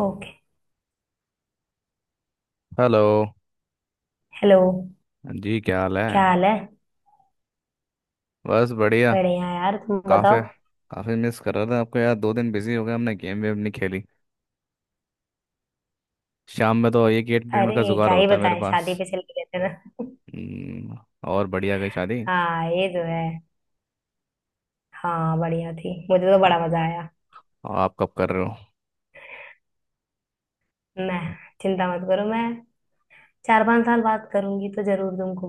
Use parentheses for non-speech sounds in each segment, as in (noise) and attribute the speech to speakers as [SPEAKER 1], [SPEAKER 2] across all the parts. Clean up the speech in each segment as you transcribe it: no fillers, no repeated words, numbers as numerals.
[SPEAKER 1] Okay.
[SPEAKER 2] Hello.
[SPEAKER 1] Hello.
[SPEAKER 2] जी, क्या हाल है।
[SPEAKER 1] क्या हाल है।
[SPEAKER 2] बस बढ़िया।
[SPEAKER 1] बढ़िया यार, तुम
[SPEAKER 2] काफ़ी
[SPEAKER 1] बताओ।
[SPEAKER 2] काफ़ी मिस कर रहा था आपको यार। दो दिन बिजी हो गए, हमने गेम वेम नहीं खेली। शाम में तो एक एंटरटेनमेंट
[SPEAKER 1] अरे,
[SPEAKER 2] का जुगाड़
[SPEAKER 1] क्या ही
[SPEAKER 2] होता है मेरे
[SPEAKER 1] बताएं,
[SPEAKER 2] पास।
[SPEAKER 1] शादी पे चले गए थे ना।
[SPEAKER 2] हम्म। और बढ़िया गई शादी।
[SPEAKER 1] हाँ ये तो है। हाँ बढ़िया थी, मुझे तो बड़ा मजा आया।
[SPEAKER 2] और आप कब कर रहे हो?
[SPEAKER 1] मैं? चिंता मत करो, मैं चार पांच साल बात करूंगी तो जरूर तुमको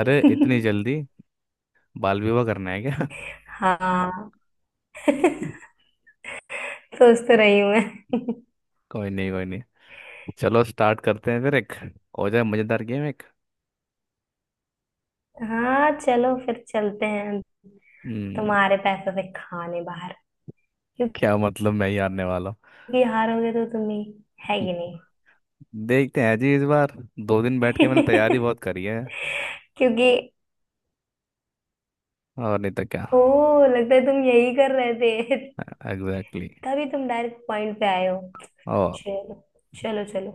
[SPEAKER 2] अरे
[SPEAKER 1] (laughs)
[SPEAKER 2] इतनी जल्दी! बाल विवाह करना है क्या (laughs)
[SPEAKER 1] हाँ। (laughs) सोच तो रही हूँ मैं।
[SPEAKER 2] कोई नहीं कोई नहीं। चलो स्टार्ट करते हैं फिर, एक हो जाए मज़ेदार गेम एक।
[SPEAKER 1] हाँ चलो फिर चलते हैं।
[SPEAKER 2] हम्म।
[SPEAKER 1] तुम्हारे पैसों से खाने बाहर। क्योंकि
[SPEAKER 2] क्या मतलब, मैं ही हारने वाला
[SPEAKER 1] हारोगे तो तुम ही। है
[SPEAKER 2] हूँ?
[SPEAKER 1] कि नहीं।
[SPEAKER 2] देखते हैं जी इस बार, दो दिन बैठ के मैंने तैयारी बहुत करी है।
[SPEAKER 1] (laughs) क्योंकि
[SPEAKER 2] और नहीं तो क्या।
[SPEAKER 1] ओह लगता है तुम यही कर रहे थे। (laughs)
[SPEAKER 2] एग्जैक्टली।
[SPEAKER 1] तभी तुम डायरेक्ट पॉइंट पे आए हो।
[SPEAKER 2] और।
[SPEAKER 1] चलो। चलो चलो।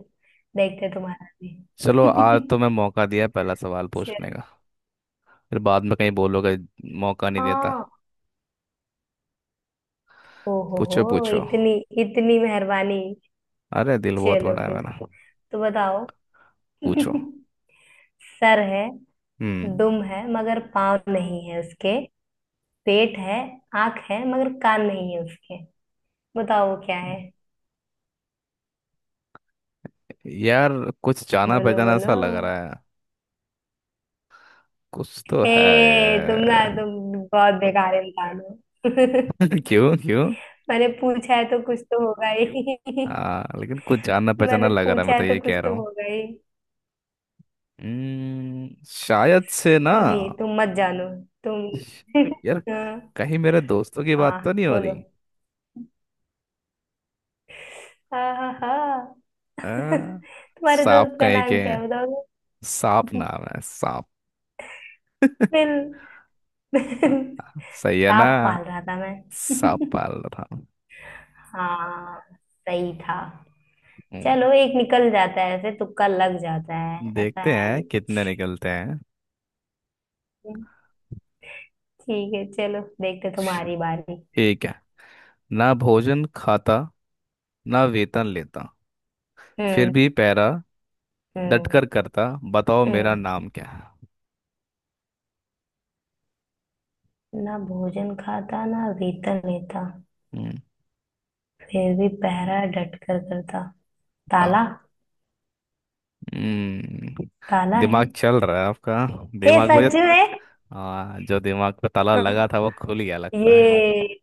[SPEAKER 1] देखते हैं तुम्हारा
[SPEAKER 2] चलो, आज
[SPEAKER 1] भी।
[SPEAKER 2] तो
[SPEAKER 1] (laughs)
[SPEAKER 2] मैं मौका दिया पहला सवाल
[SPEAKER 1] चलो।
[SPEAKER 2] पूछने का। फिर बाद में कहीं बोलोगे मौका नहीं देता।
[SPEAKER 1] हाँ। ओहो हो
[SPEAKER 2] पूछो
[SPEAKER 1] हो
[SPEAKER 2] पूछो।
[SPEAKER 1] इतनी इतनी मेहरबानी।
[SPEAKER 2] अरे दिल बहुत
[SPEAKER 1] चलो
[SPEAKER 2] बड़ा है
[SPEAKER 1] फिर,
[SPEAKER 2] मेरा।
[SPEAKER 1] तो बताओ।
[SPEAKER 2] पूछो।
[SPEAKER 1] (laughs) सर है,
[SPEAKER 2] हम्म।
[SPEAKER 1] दुम है मगर पाँव नहीं है उसके। पेट है, आंख है मगर कान नहीं है उसके। बताओ वो क्या है।
[SPEAKER 2] यार कुछ जाना
[SPEAKER 1] बोलो
[SPEAKER 2] पहचाना
[SPEAKER 1] बोलो।
[SPEAKER 2] सा लग रहा है, कुछ तो है।
[SPEAKER 1] ए तुम ना तुम बहुत बेकार इंसान हो।
[SPEAKER 2] (laughs)
[SPEAKER 1] (laughs)
[SPEAKER 2] क्यों क्यों?
[SPEAKER 1] मैंने पूछा है तो कुछ तो होगा ही। (laughs)
[SPEAKER 2] हाँ, लेकिन कुछ जाना पहचाना
[SPEAKER 1] मैंने
[SPEAKER 2] लग रहा है, मैं
[SPEAKER 1] पूछा
[SPEAKER 2] तो
[SPEAKER 1] है
[SPEAKER 2] ये
[SPEAKER 1] तो कुछ
[SPEAKER 2] कह रहा
[SPEAKER 1] तो
[SPEAKER 2] हूँ।
[SPEAKER 1] होगा ही।
[SPEAKER 2] शायद से ना।
[SPEAKER 1] नहीं, तुम मत जानो तुम। (laughs)
[SPEAKER 2] यार
[SPEAKER 1] हाँ।
[SPEAKER 2] कहीं मेरे दोस्तों की बात तो
[SPEAKER 1] हाँ,
[SPEAKER 2] नहीं हो रही।
[SPEAKER 1] बोलो। हाँ हाँ हाँ। (laughs)
[SPEAKER 2] आ,
[SPEAKER 1] तुम्हारे
[SPEAKER 2] सांप
[SPEAKER 1] दोस्त का
[SPEAKER 2] कहीं
[SPEAKER 1] नाम
[SPEAKER 2] के
[SPEAKER 1] क्या
[SPEAKER 2] हैं।
[SPEAKER 1] है, बताओगे।
[SPEAKER 2] सांप
[SPEAKER 1] (laughs)
[SPEAKER 2] नाम है सांप।
[SPEAKER 1] बिल।
[SPEAKER 2] हाँ,
[SPEAKER 1] बिल।
[SPEAKER 2] सही है ना।
[SPEAKER 1] सांप पाल रहा था मैं।
[SPEAKER 2] सांप
[SPEAKER 1] (laughs)
[SPEAKER 2] पाल रहा हूँ।
[SPEAKER 1] हाँ सही था।
[SPEAKER 2] हम्म।
[SPEAKER 1] चलो एक निकल जाता है ऐसे, तुक्का लग जाता है, ऐसा
[SPEAKER 2] देखते
[SPEAKER 1] है
[SPEAKER 2] हैं
[SPEAKER 1] नहीं कुछ।
[SPEAKER 2] कितने निकलते हैं।
[SPEAKER 1] ठीक है चलो, देखते तुम्हारी बारी।
[SPEAKER 2] ठीक है। ना भोजन खाता, ना वेतन लेता, फिर
[SPEAKER 1] हम्म।
[SPEAKER 2] भी पैरा
[SPEAKER 1] हम्म।
[SPEAKER 2] डटकर करता, बताओ मेरा
[SPEAKER 1] हम्म।
[SPEAKER 2] नाम क्या है।
[SPEAKER 1] ना भोजन खाता, ना वेतन लेता,
[SPEAKER 2] हम्म।
[SPEAKER 1] फिर भी पहरा डट कर करता।
[SPEAKER 2] हाँ।
[SPEAKER 1] ताला।
[SPEAKER 2] हम्म।
[SPEAKER 1] ताला है।
[SPEAKER 2] दिमाग चल रहा है आपका,
[SPEAKER 1] हे,
[SPEAKER 2] दिमाग पे।
[SPEAKER 1] सच में।
[SPEAKER 2] हाँ, जो दिमाग पे ताला लगा था वो खुल
[SPEAKER 1] (laughs)
[SPEAKER 2] गया लगता है।
[SPEAKER 1] ये,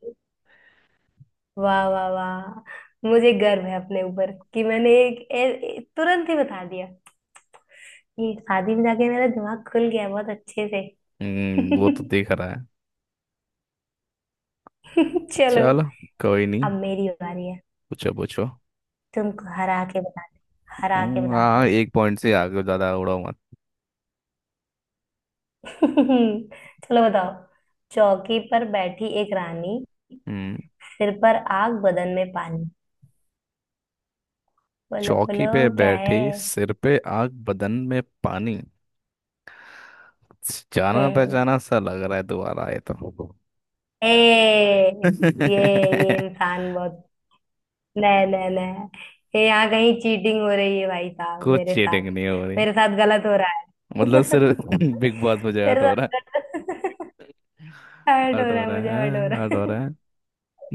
[SPEAKER 1] वाह वाह वाह, मुझे गर्व है अपने ऊपर कि मैंने तुरंत ही बता दिया। ये शादी में जाके मेरा दिमाग खुल गया बहुत अच्छे से।
[SPEAKER 2] हम्म, वो तो
[SPEAKER 1] (laughs)
[SPEAKER 2] दिख रहा है।
[SPEAKER 1] चलो।
[SPEAKER 2] चलो। कोई
[SPEAKER 1] अब
[SPEAKER 2] नहीं।
[SPEAKER 1] मेरी बारी है।
[SPEAKER 2] पूछो पूछो।
[SPEAKER 1] तुमको हरा के बताते हरा के
[SPEAKER 2] हम्म।
[SPEAKER 1] बताते
[SPEAKER 2] हाँ,
[SPEAKER 1] हैं।
[SPEAKER 2] एक पॉइंट से आगे ज्यादा उड़ो।
[SPEAKER 1] (laughs) चलो बताओ। चौकी पर बैठी एक रानी,
[SPEAKER 2] हम्म।
[SPEAKER 1] सिर पर आग बदन में पानी। बोलो
[SPEAKER 2] चौकी
[SPEAKER 1] बोलो।
[SPEAKER 2] पे
[SPEAKER 1] क्या है।
[SPEAKER 2] बैठी, सिर पे आग बदन में पानी, जाना
[SPEAKER 1] हम्म।
[SPEAKER 2] पहचाना सा लग रहा है दोबारा आए तो।
[SPEAKER 1] ए, ये ये
[SPEAKER 2] (laughs)
[SPEAKER 1] इंसान बहुत, नहीं नहीं नहीं, ये यहाँ कहीं चीटिंग हो रही है भाई साहब
[SPEAKER 2] कुछ
[SPEAKER 1] मेरे साथ।
[SPEAKER 2] चीटिंग नहीं हो रही।
[SPEAKER 1] मेरे साथ गलत हो रहा
[SPEAKER 2] मतलब
[SPEAKER 1] है।
[SPEAKER 2] सिर्फ
[SPEAKER 1] (laughs)
[SPEAKER 2] (laughs) बिग बॉस, मुझे
[SPEAKER 1] मेरे
[SPEAKER 2] हर्ट हो रहा है,
[SPEAKER 1] साथ गलत, हर्ट हो
[SPEAKER 2] हर्ट हो
[SPEAKER 1] रहा है।
[SPEAKER 2] रहा
[SPEAKER 1] मुझे हर्ट हो
[SPEAKER 2] है, हर्ट
[SPEAKER 1] रहा
[SPEAKER 2] हो
[SPEAKER 1] है।
[SPEAKER 2] रहा है।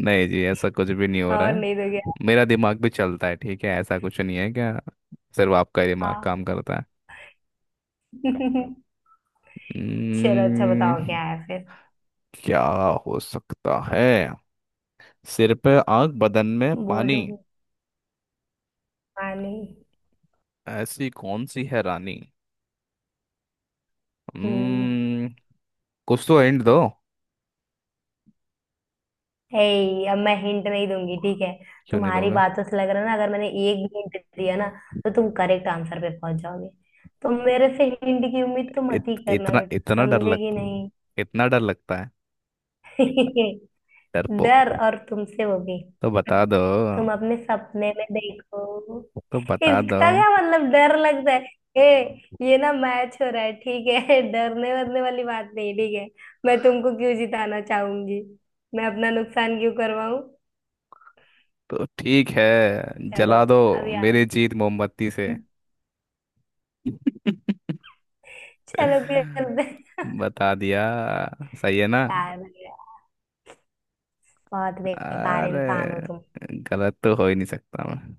[SPEAKER 2] नहीं जी, ऐसा कुछ भी नहीं
[SPEAKER 1] (laughs)
[SPEAKER 2] हो रहा
[SPEAKER 1] और
[SPEAKER 2] है,
[SPEAKER 1] नहीं तो क्या।
[SPEAKER 2] मेरा दिमाग भी चलता है, ठीक है। ऐसा कुछ नहीं है क्या, सिर्फ आपका ही दिमाग
[SPEAKER 1] हाँ।
[SPEAKER 2] काम करता है?
[SPEAKER 1] (laughs) चलो अच्छा
[SPEAKER 2] हम्म।
[SPEAKER 1] बताओ क्या है फिर।
[SPEAKER 2] क्या हो सकता है? सिर पे आग बदन में पानी,
[SPEAKER 1] बोलो। पानी।
[SPEAKER 2] ऐसी कौन सी है रानी?
[SPEAKER 1] हम्म।
[SPEAKER 2] हम्म। कुछ तो एंड दो।
[SPEAKER 1] हे, अब मैं हिंट नहीं दूंगी ठीक है।
[SPEAKER 2] क्यों नहीं
[SPEAKER 1] तुम्हारी
[SPEAKER 2] दोगे?
[SPEAKER 1] बातों से लग रहा है ना, अगर मैंने एक भी हिंट दिया ना तो तुम करेक्ट आंसर पे पहुंच जाओगे। तो मेरे से हिंट की उम्मीद तो मत ही
[SPEAKER 2] इत,
[SPEAKER 1] करना
[SPEAKER 2] इतना
[SPEAKER 1] बेटा,
[SPEAKER 2] इतना डर
[SPEAKER 1] समझे
[SPEAKER 2] लग
[SPEAKER 1] कि नहीं।
[SPEAKER 2] इतना डर लगता है।
[SPEAKER 1] (laughs) डर,
[SPEAKER 2] डरपोक,
[SPEAKER 1] और तुमसे, वो भी।
[SPEAKER 2] तो बता दो,
[SPEAKER 1] तुम अपने सपने में देखो।
[SPEAKER 2] तो बता दो।
[SPEAKER 1] इसका क्या मतलब डर लगता है। ए ये ना मैच हो रहा है ठीक है। (laughs) डरने वरने वाली बात नहीं ठीक है। मैं तुमको क्यों जिताना चाहूंगी, मैं अपना नुकसान क्यों करवाऊं।
[SPEAKER 2] तो ठीक है,
[SPEAKER 1] चलो।
[SPEAKER 2] जला दो
[SPEAKER 1] अब यार
[SPEAKER 2] मेरी जीत मोमबत्ती से।
[SPEAKER 1] चलो
[SPEAKER 2] (laughs)
[SPEAKER 1] खेलते हैं।
[SPEAKER 2] बता दिया, सही है ना?
[SPEAKER 1] यार भैया, बहुत बेकार इंसान हो तुम।
[SPEAKER 2] अरे गलत तो हो ही नहीं सकता मैं।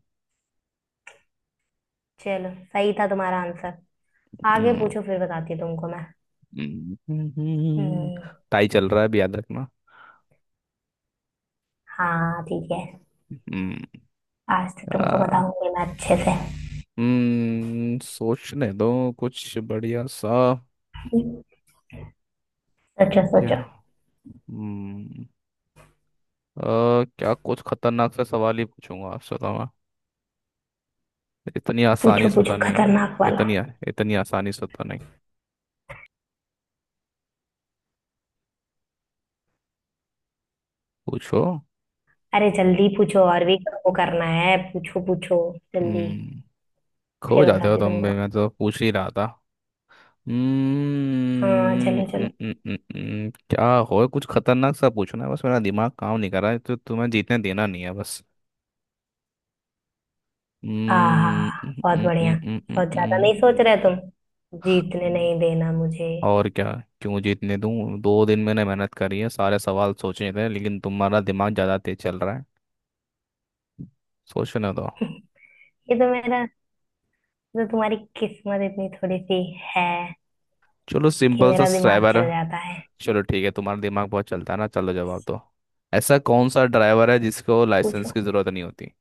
[SPEAKER 1] चलो सही था तुम्हारा आंसर। आगे
[SPEAKER 2] हम्म।
[SPEAKER 1] पूछो, फिर बताती हूँ तुमको मैं।
[SPEAKER 2] हम्म।
[SPEAKER 1] हम्म।
[SPEAKER 2] टाई चल रहा है भी याद रखना।
[SPEAKER 1] हाँ ठीक है। आज तो तुमको
[SPEAKER 2] हम्म।
[SPEAKER 1] बताऊंगी मैं अच्छे से।
[SPEAKER 2] हम्म, सोचने दो कुछ बढ़िया सा।
[SPEAKER 1] सोचो
[SPEAKER 2] क्या।
[SPEAKER 1] सोचो।
[SPEAKER 2] हम्म। अ, क्या कुछ खतरनाक सा सवाल ही पूछूंगा आपसे तो मैं, इतनी आसानी
[SPEAKER 1] पूछो
[SPEAKER 2] से तो
[SPEAKER 1] पूछो
[SPEAKER 2] नहीं है।
[SPEAKER 1] खतरनाक वाला।
[SPEAKER 2] इतनी इतनी आसानी से तो नहीं। पूछो।
[SPEAKER 1] अरे जल्दी पूछो और भी। वो करना है, पूछो पूछो। जल्दी।
[SPEAKER 2] हम्म। खो
[SPEAKER 1] फिर
[SPEAKER 2] जाते हो
[SPEAKER 1] बताती हूँ
[SPEAKER 2] तुम भी,
[SPEAKER 1] तुमको।
[SPEAKER 2] मैं तो पूछ ही रहा था।
[SPEAKER 1] हाँ
[SPEAKER 2] हम्म।
[SPEAKER 1] चलो चलो।
[SPEAKER 2] क्या हो, कुछ खतरनाक सा पूछना है बस, मेरा दिमाग काम नहीं कर रहा है तो तुम्हें जीतने देना नहीं है बस। हम्म।
[SPEAKER 1] हाँ, बहुत बढ़िया, बहुत ज्यादा नहीं सोच रहे तुम। जीतने नहीं देना मुझे।
[SPEAKER 2] और क्या। क्यों जीतने दूं, दो दिन मैंने मेहनत करी है सारे सवाल सोचे थे, लेकिन तुम्हारा दिमाग ज़्यादा तेज चल रहा है। सोचने दो।
[SPEAKER 1] ये, तो मेरा तो तुम्हारी किस्मत इतनी थोड़ी सी है
[SPEAKER 2] चलो
[SPEAKER 1] कि
[SPEAKER 2] सिंपल सा
[SPEAKER 1] मेरा दिमाग
[SPEAKER 2] ड्राइवर।
[SPEAKER 1] चल जाता है।
[SPEAKER 2] चलो ठीक है, तुम्हारा दिमाग बहुत चलता है ना, चलो जवाब दो। ऐसा कौन सा ड्राइवर है जिसको लाइसेंस
[SPEAKER 1] पूछो।
[SPEAKER 2] की ज़रूरत नहीं होती?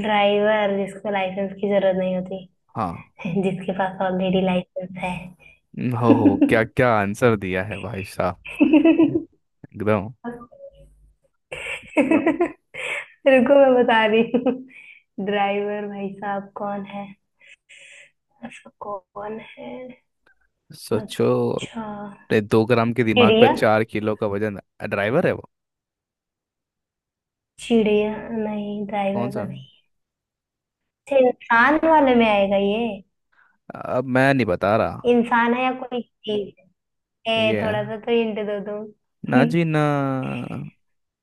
[SPEAKER 1] ड्राइवर जिसको लाइसेंस की जरूरत नहीं होती।
[SPEAKER 2] हाँ।
[SPEAKER 1] जिसके पास ऑलरेडी लाइसेंस है।
[SPEAKER 2] हो,
[SPEAKER 1] (laughs)
[SPEAKER 2] क्या क्या आंसर दिया है भाई साहब ने। एकदम।
[SPEAKER 1] रुको मैं बता रही हूँ। ड्राइवर भाई साहब कौन है, ऐसा कौन है।
[SPEAKER 2] सोचो
[SPEAKER 1] अच्छा।
[SPEAKER 2] अपने दो ग्राम के दिमाग पर
[SPEAKER 1] चिड़िया।
[SPEAKER 2] चार किलो का वजन। ड्राइवर है वो।
[SPEAKER 1] चिड़िया नहीं ड्राइवर
[SPEAKER 2] कौन सा?
[SPEAKER 1] तो नहीं। अच्छा, इंसान वाले में आएगा ये।
[SPEAKER 2] अब मैं नहीं बता रहा।
[SPEAKER 1] इंसान है या कोई चीज है। ए,
[SPEAKER 2] ये
[SPEAKER 1] थोड़ा
[SPEAKER 2] है।
[SPEAKER 1] सा तो हिंट दो
[SPEAKER 2] ना
[SPEAKER 1] तुम।
[SPEAKER 2] जी ना।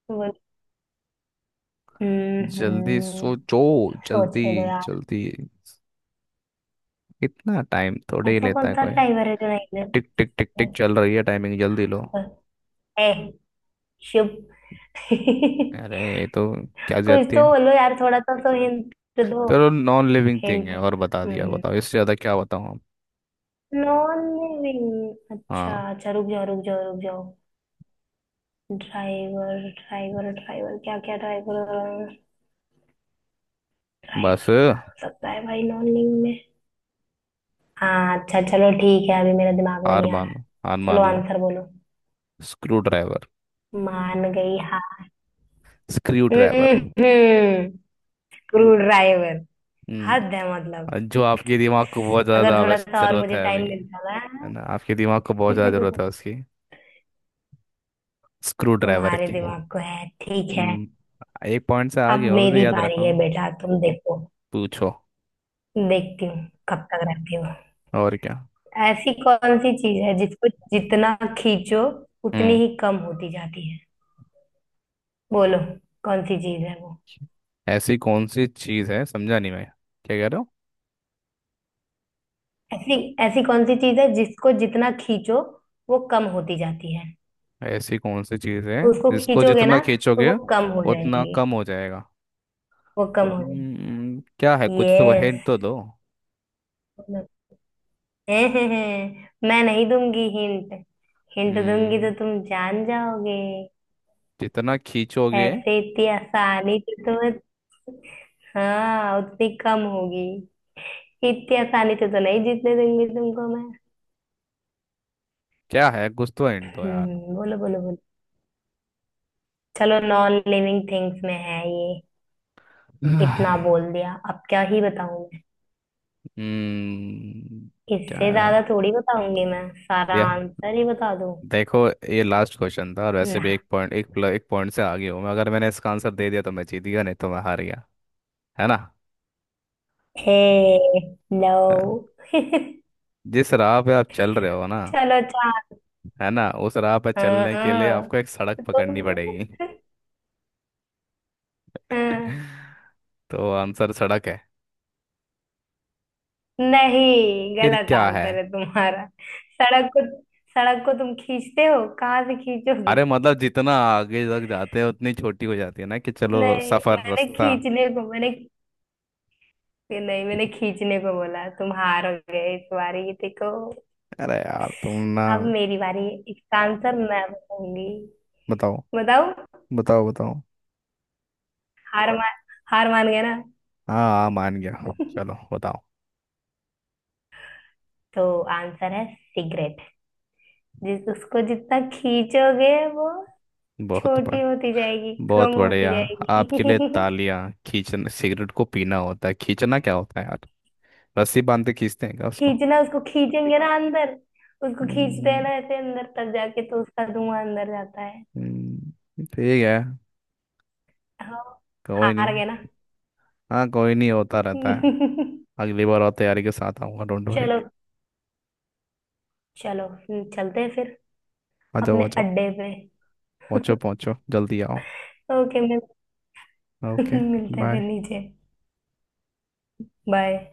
[SPEAKER 1] (laughs) बोल। हम्म।
[SPEAKER 2] जल्दी सोचो। जल्दी।
[SPEAKER 1] सोचने दो यार।
[SPEAKER 2] जल्दी, कितना टाइम थोड़े ही
[SPEAKER 1] ऐसा
[SPEAKER 2] लेता
[SPEAKER 1] कौन
[SPEAKER 2] है
[SPEAKER 1] सा
[SPEAKER 2] कोई।
[SPEAKER 1] ड्राइवर है जो नहीं दे
[SPEAKER 2] टिक टिक टिक टिक चल रही है टाइमिंग, जल्दी लो।
[SPEAKER 1] सकता? ए। शिव। (laughs)
[SPEAKER 2] अरे ये तो, क्या
[SPEAKER 1] कुछ
[SPEAKER 2] जाती
[SPEAKER 1] तो
[SPEAKER 2] है।
[SPEAKER 1] बोलो यार, थोड़ा सा तो हिंट दो।
[SPEAKER 2] चलो, नॉन लिविंग थिंग
[SPEAKER 1] हिंट,
[SPEAKER 2] है और बता दिया, बताओ इससे ज्यादा क्या बताऊं अब।
[SPEAKER 1] नॉन लिविंग, अच्छा
[SPEAKER 2] हाँ
[SPEAKER 1] अच्छा रुक जाओ रुक जाओ रुक जाओ। ड्राइवर ड्राइवर ड्राइवर, क्या क्या ड्राइवर,
[SPEAKER 2] बस।
[SPEAKER 1] ड्राइवर कौन हो सकता है भाई नॉन लिविंग में। हाँ अच्छा चलो ठीक है, अभी मेरे दिमाग में
[SPEAKER 2] हार
[SPEAKER 1] नहीं आ रहा है।
[SPEAKER 2] मानो, हार
[SPEAKER 1] चलो
[SPEAKER 2] मान लो।
[SPEAKER 1] आंसर बोलो।
[SPEAKER 2] Screwdriver.
[SPEAKER 1] मान गई, हाँ।
[SPEAKER 2] Screwdriver.
[SPEAKER 1] Screwdriver. हद
[SPEAKER 2] हम्म।
[SPEAKER 1] है मतलब।
[SPEAKER 2] और जो आपके दिमाग को बहुत ज्यादा
[SPEAKER 1] अगर थोड़ा
[SPEAKER 2] आवश्यक
[SPEAKER 1] सा और
[SPEAKER 2] जरूरत
[SPEAKER 1] मुझे
[SPEAKER 2] है अभी
[SPEAKER 1] टाइम
[SPEAKER 2] है
[SPEAKER 1] मिलता ना।
[SPEAKER 2] ना, आपके दिमाग को बहुत ज्यादा जरूरत
[SPEAKER 1] (laughs)
[SPEAKER 2] है उसकी, स्क्रू ड्राइवर
[SPEAKER 1] तुम्हारे
[SPEAKER 2] की।
[SPEAKER 1] दिमाग को है ठीक है।
[SPEAKER 2] हम्म, एक पॉइंट से
[SPEAKER 1] अब
[SPEAKER 2] आगे हो अभी भी,
[SPEAKER 1] मेरी
[SPEAKER 2] याद रखा
[SPEAKER 1] बारी है
[SPEAKER 2] हूँ।
[SPEAKER 1] बेटा, तुम देखो।
[SPEAKER 2] पूछो।
[SPEAKER 1] देखती हूँ कब तक रहती हो।
[SPEAKER 2] और क्या।
[SPEAKER 1] ऐसी कौन सी चीज है जिसको जितना खींचो, उतनी
[SPEAKER 2] हम्म।
[SPEAKER 1] ही कम होती जाती है। बोलो, कौन सी चीज है वो।
[SPEAKER 2] ऐसी कौन सी चीज है, समझा नहीं मैं, क्या कह रहे हो?
[SPEAKER 1] ऐसी ऐसी कौन सी चीज है जिसको जितना खींचो वो कम होती जाती है।
[SPEAKER 2] ऐसी कौन सी चीज है
[SPEAKER 1] उसको
[SPEAKER 2] जिसको
[SPEAKER 1] खींचोगे
[SPEAKER 2] जितना
[SPEAKER 1] ना तो
[SPEAKER 2] खींचोगे
[SPEAKER 1] वो कम हो
[SPEAKER 2] उतना
[SPEAKER 1] जाएगी।
[SPEAKER 2] कम हो जाएगा?
[SPEAKER 1] वो कम हो जाएगी।
[SPEAKER 2] हम्म, क्या है, कुछ तो
[SPEAKER 1] यस।
[SPEAKER 2] हिंट तो दो।
[SPEAKER 1] मैं नहीं दूंगी हिंट, हिंट दूंगी तो
[SPEAKER 2] हम्म।
[SPEAKER 1] तुम जान जाओगे।
[SPEAKER 2] जितना खींचोगे।
[SPEAKER 1] ऐसे इतनी आसानी से तुम्हें, हाँ उतनी कम होगी, इतनी आसानी से तो नहीं जीतने दूंगी तुमको मैं।
[SPEAKER 2] क्या है, कुछ तो हिंट दो यार।
[SPEAKER 1] बोलो बोलो बोलो। चलो, नॉन लिविंग थिंग्स में है ये। इतना
[SPEAKER 2] (sighs)
[SPEAKER 1] बोल दिया अब क्या ही बताऊं,
[SPEAKER 2] हम्म। क्या
[SPEAKER 1] इससे
[SPEAKER 2] है?
[SPEAKER 1] ज्यादा थोड़ी बताऊंगी मैं, सारा
[SPEAKER 2] या
[SPEAKER 1] आंसर ही बता दूं।
[SPEAKER 2] देखो, ये लास्ट क्वेश्चन था, और वैसे
[SPEAKER 1] ना।
[SPEAKER 2] भी एक पॉइंट, एक पॉइंट से आगे हूँ मैं, अगर मैंने इसका आंसर दे दिया तो मैं जीत गया, नहीं तो मैं हार गया, है ना।
[SPEAKER 1] ए।
[SPEAKER 2] हाँ।
[SPEAKER 1] लो। (laughs)
[SPEAKER 2] जिस राह पे आप चल रहे हो ना,
[SPEAKER 1] चलो चार।
[SPEAKER 2] है ना, उस राह पे चलने के लिए
[SPEAKER 1] हाँ।
[SPEAKER 2] आपको एक सड़क पकड़नी
[SPEAKER 1] तुम।
[SPEAKER 2] पड़ेगी।
[SPEAKER 1] (laughs) हाँ,
[SPEAKER 2] (laughs) तो आंसर सड़क है।
[SPEAKER 1] नहीं
[SPEAKER 2] फिर
[SPEAKER 1] गलत
[SPEAKER 2] क्या है?
[SPEAKER 1] आंसर है तुम्हारा। सड़क को, सड़क को तुम खींचते हो कहाँ से खींचोगे।
[SPEAKER 2] अरे मतलब जितना आगे तक जाते हैं उतनी छोटी हो जाती है ना, कि चलो
[SPEAKER 1] नहीं
[SPEAKER 2] सफर,
[SPEAKER 1] मैंने
[SPEAKER 2] रास्ता।
[SPEAKER 1] खींचने को मैंने नहीं मैंने खींचने को बोला, तुम हार गए इस बारी, देखो।
[SPEAKER 2] अरे यार तुम ना।
[SPEAKER 1] अब मेरी बारी है। इसका आंसर मैं बताऊंगी।
[SPEAKER 2] बताओ
[SPEAKER 1] बताओ।
[SPEAKER 2] बताओ बताओ।
[SPEAKER 1] हार मान हार मान गए ना।
[SPEAKER 2] हाँ हाँ, मान गया। चलो बताओ।
[SPEAKER 1] तो आंसर है सिगरेट। जिस उसको जितना खींचोगे वो
[SPEAKER 2] बहुत,
[SPEAKER 1] छोटी होती जाएगी, कम
[SPEAKER 2] बहुत
[SPEAKER 1] होती
[SPEAKER 2] बढ़िया। आपके लिए
[SPEAKER 1] जाएगी। (laughs)
[SPEAKER 2] तालियां। खींचना सिगरेट को पीना होता है, खींचना क्या होता है यार? रस्सी बांध के खींचते हैं क्या उसको?
[SPEAKER 1] खींचना, उसको खींचेंगे ना अंदर, उसको खींचते हैं
[SPEAKER 2] हम्म।
[SPEAKER 1] ना ऐसे अंदर तक जाके, तो उसका धुआं अंदर जाता है।
[SPEAKER 2] हम्म। ठीक है।
[SPEAKER 1] हाँ।
[SPEAKER 2] कोई
[SPEAKER 1] हार
[SPEAKER 2] नहीं।
[SPEAKER 1] गए ना।
[SPEAKER 2] हाँ कोई नहीं, होता रहता है।
[SPEAKER 1] (laughs)
[SPEAKER 2] अगली बार और तैयारी के साथ आऊंगा, डोंट वरी।
[SPEAKER 1] चलो चलो। चलते हैं फिर
[SPEAKER 2] आ जाओ आ
[SPEAKER 1] अपने
[SPEAKER 2] जाओ।
[SPEAKER 1] अड्डे पे।
[SPEAKER 2] पहुँचो पहुँचो, जल्दी आओ।
[SPEAKER 1] ओके मिल। (laughs)
[SPEAKER 2] ओके
[SPEAKER 1] मिलते हैं फिर
[SPEAKER 2] बाय।
[SPEAKER 1] नीचे। बाय।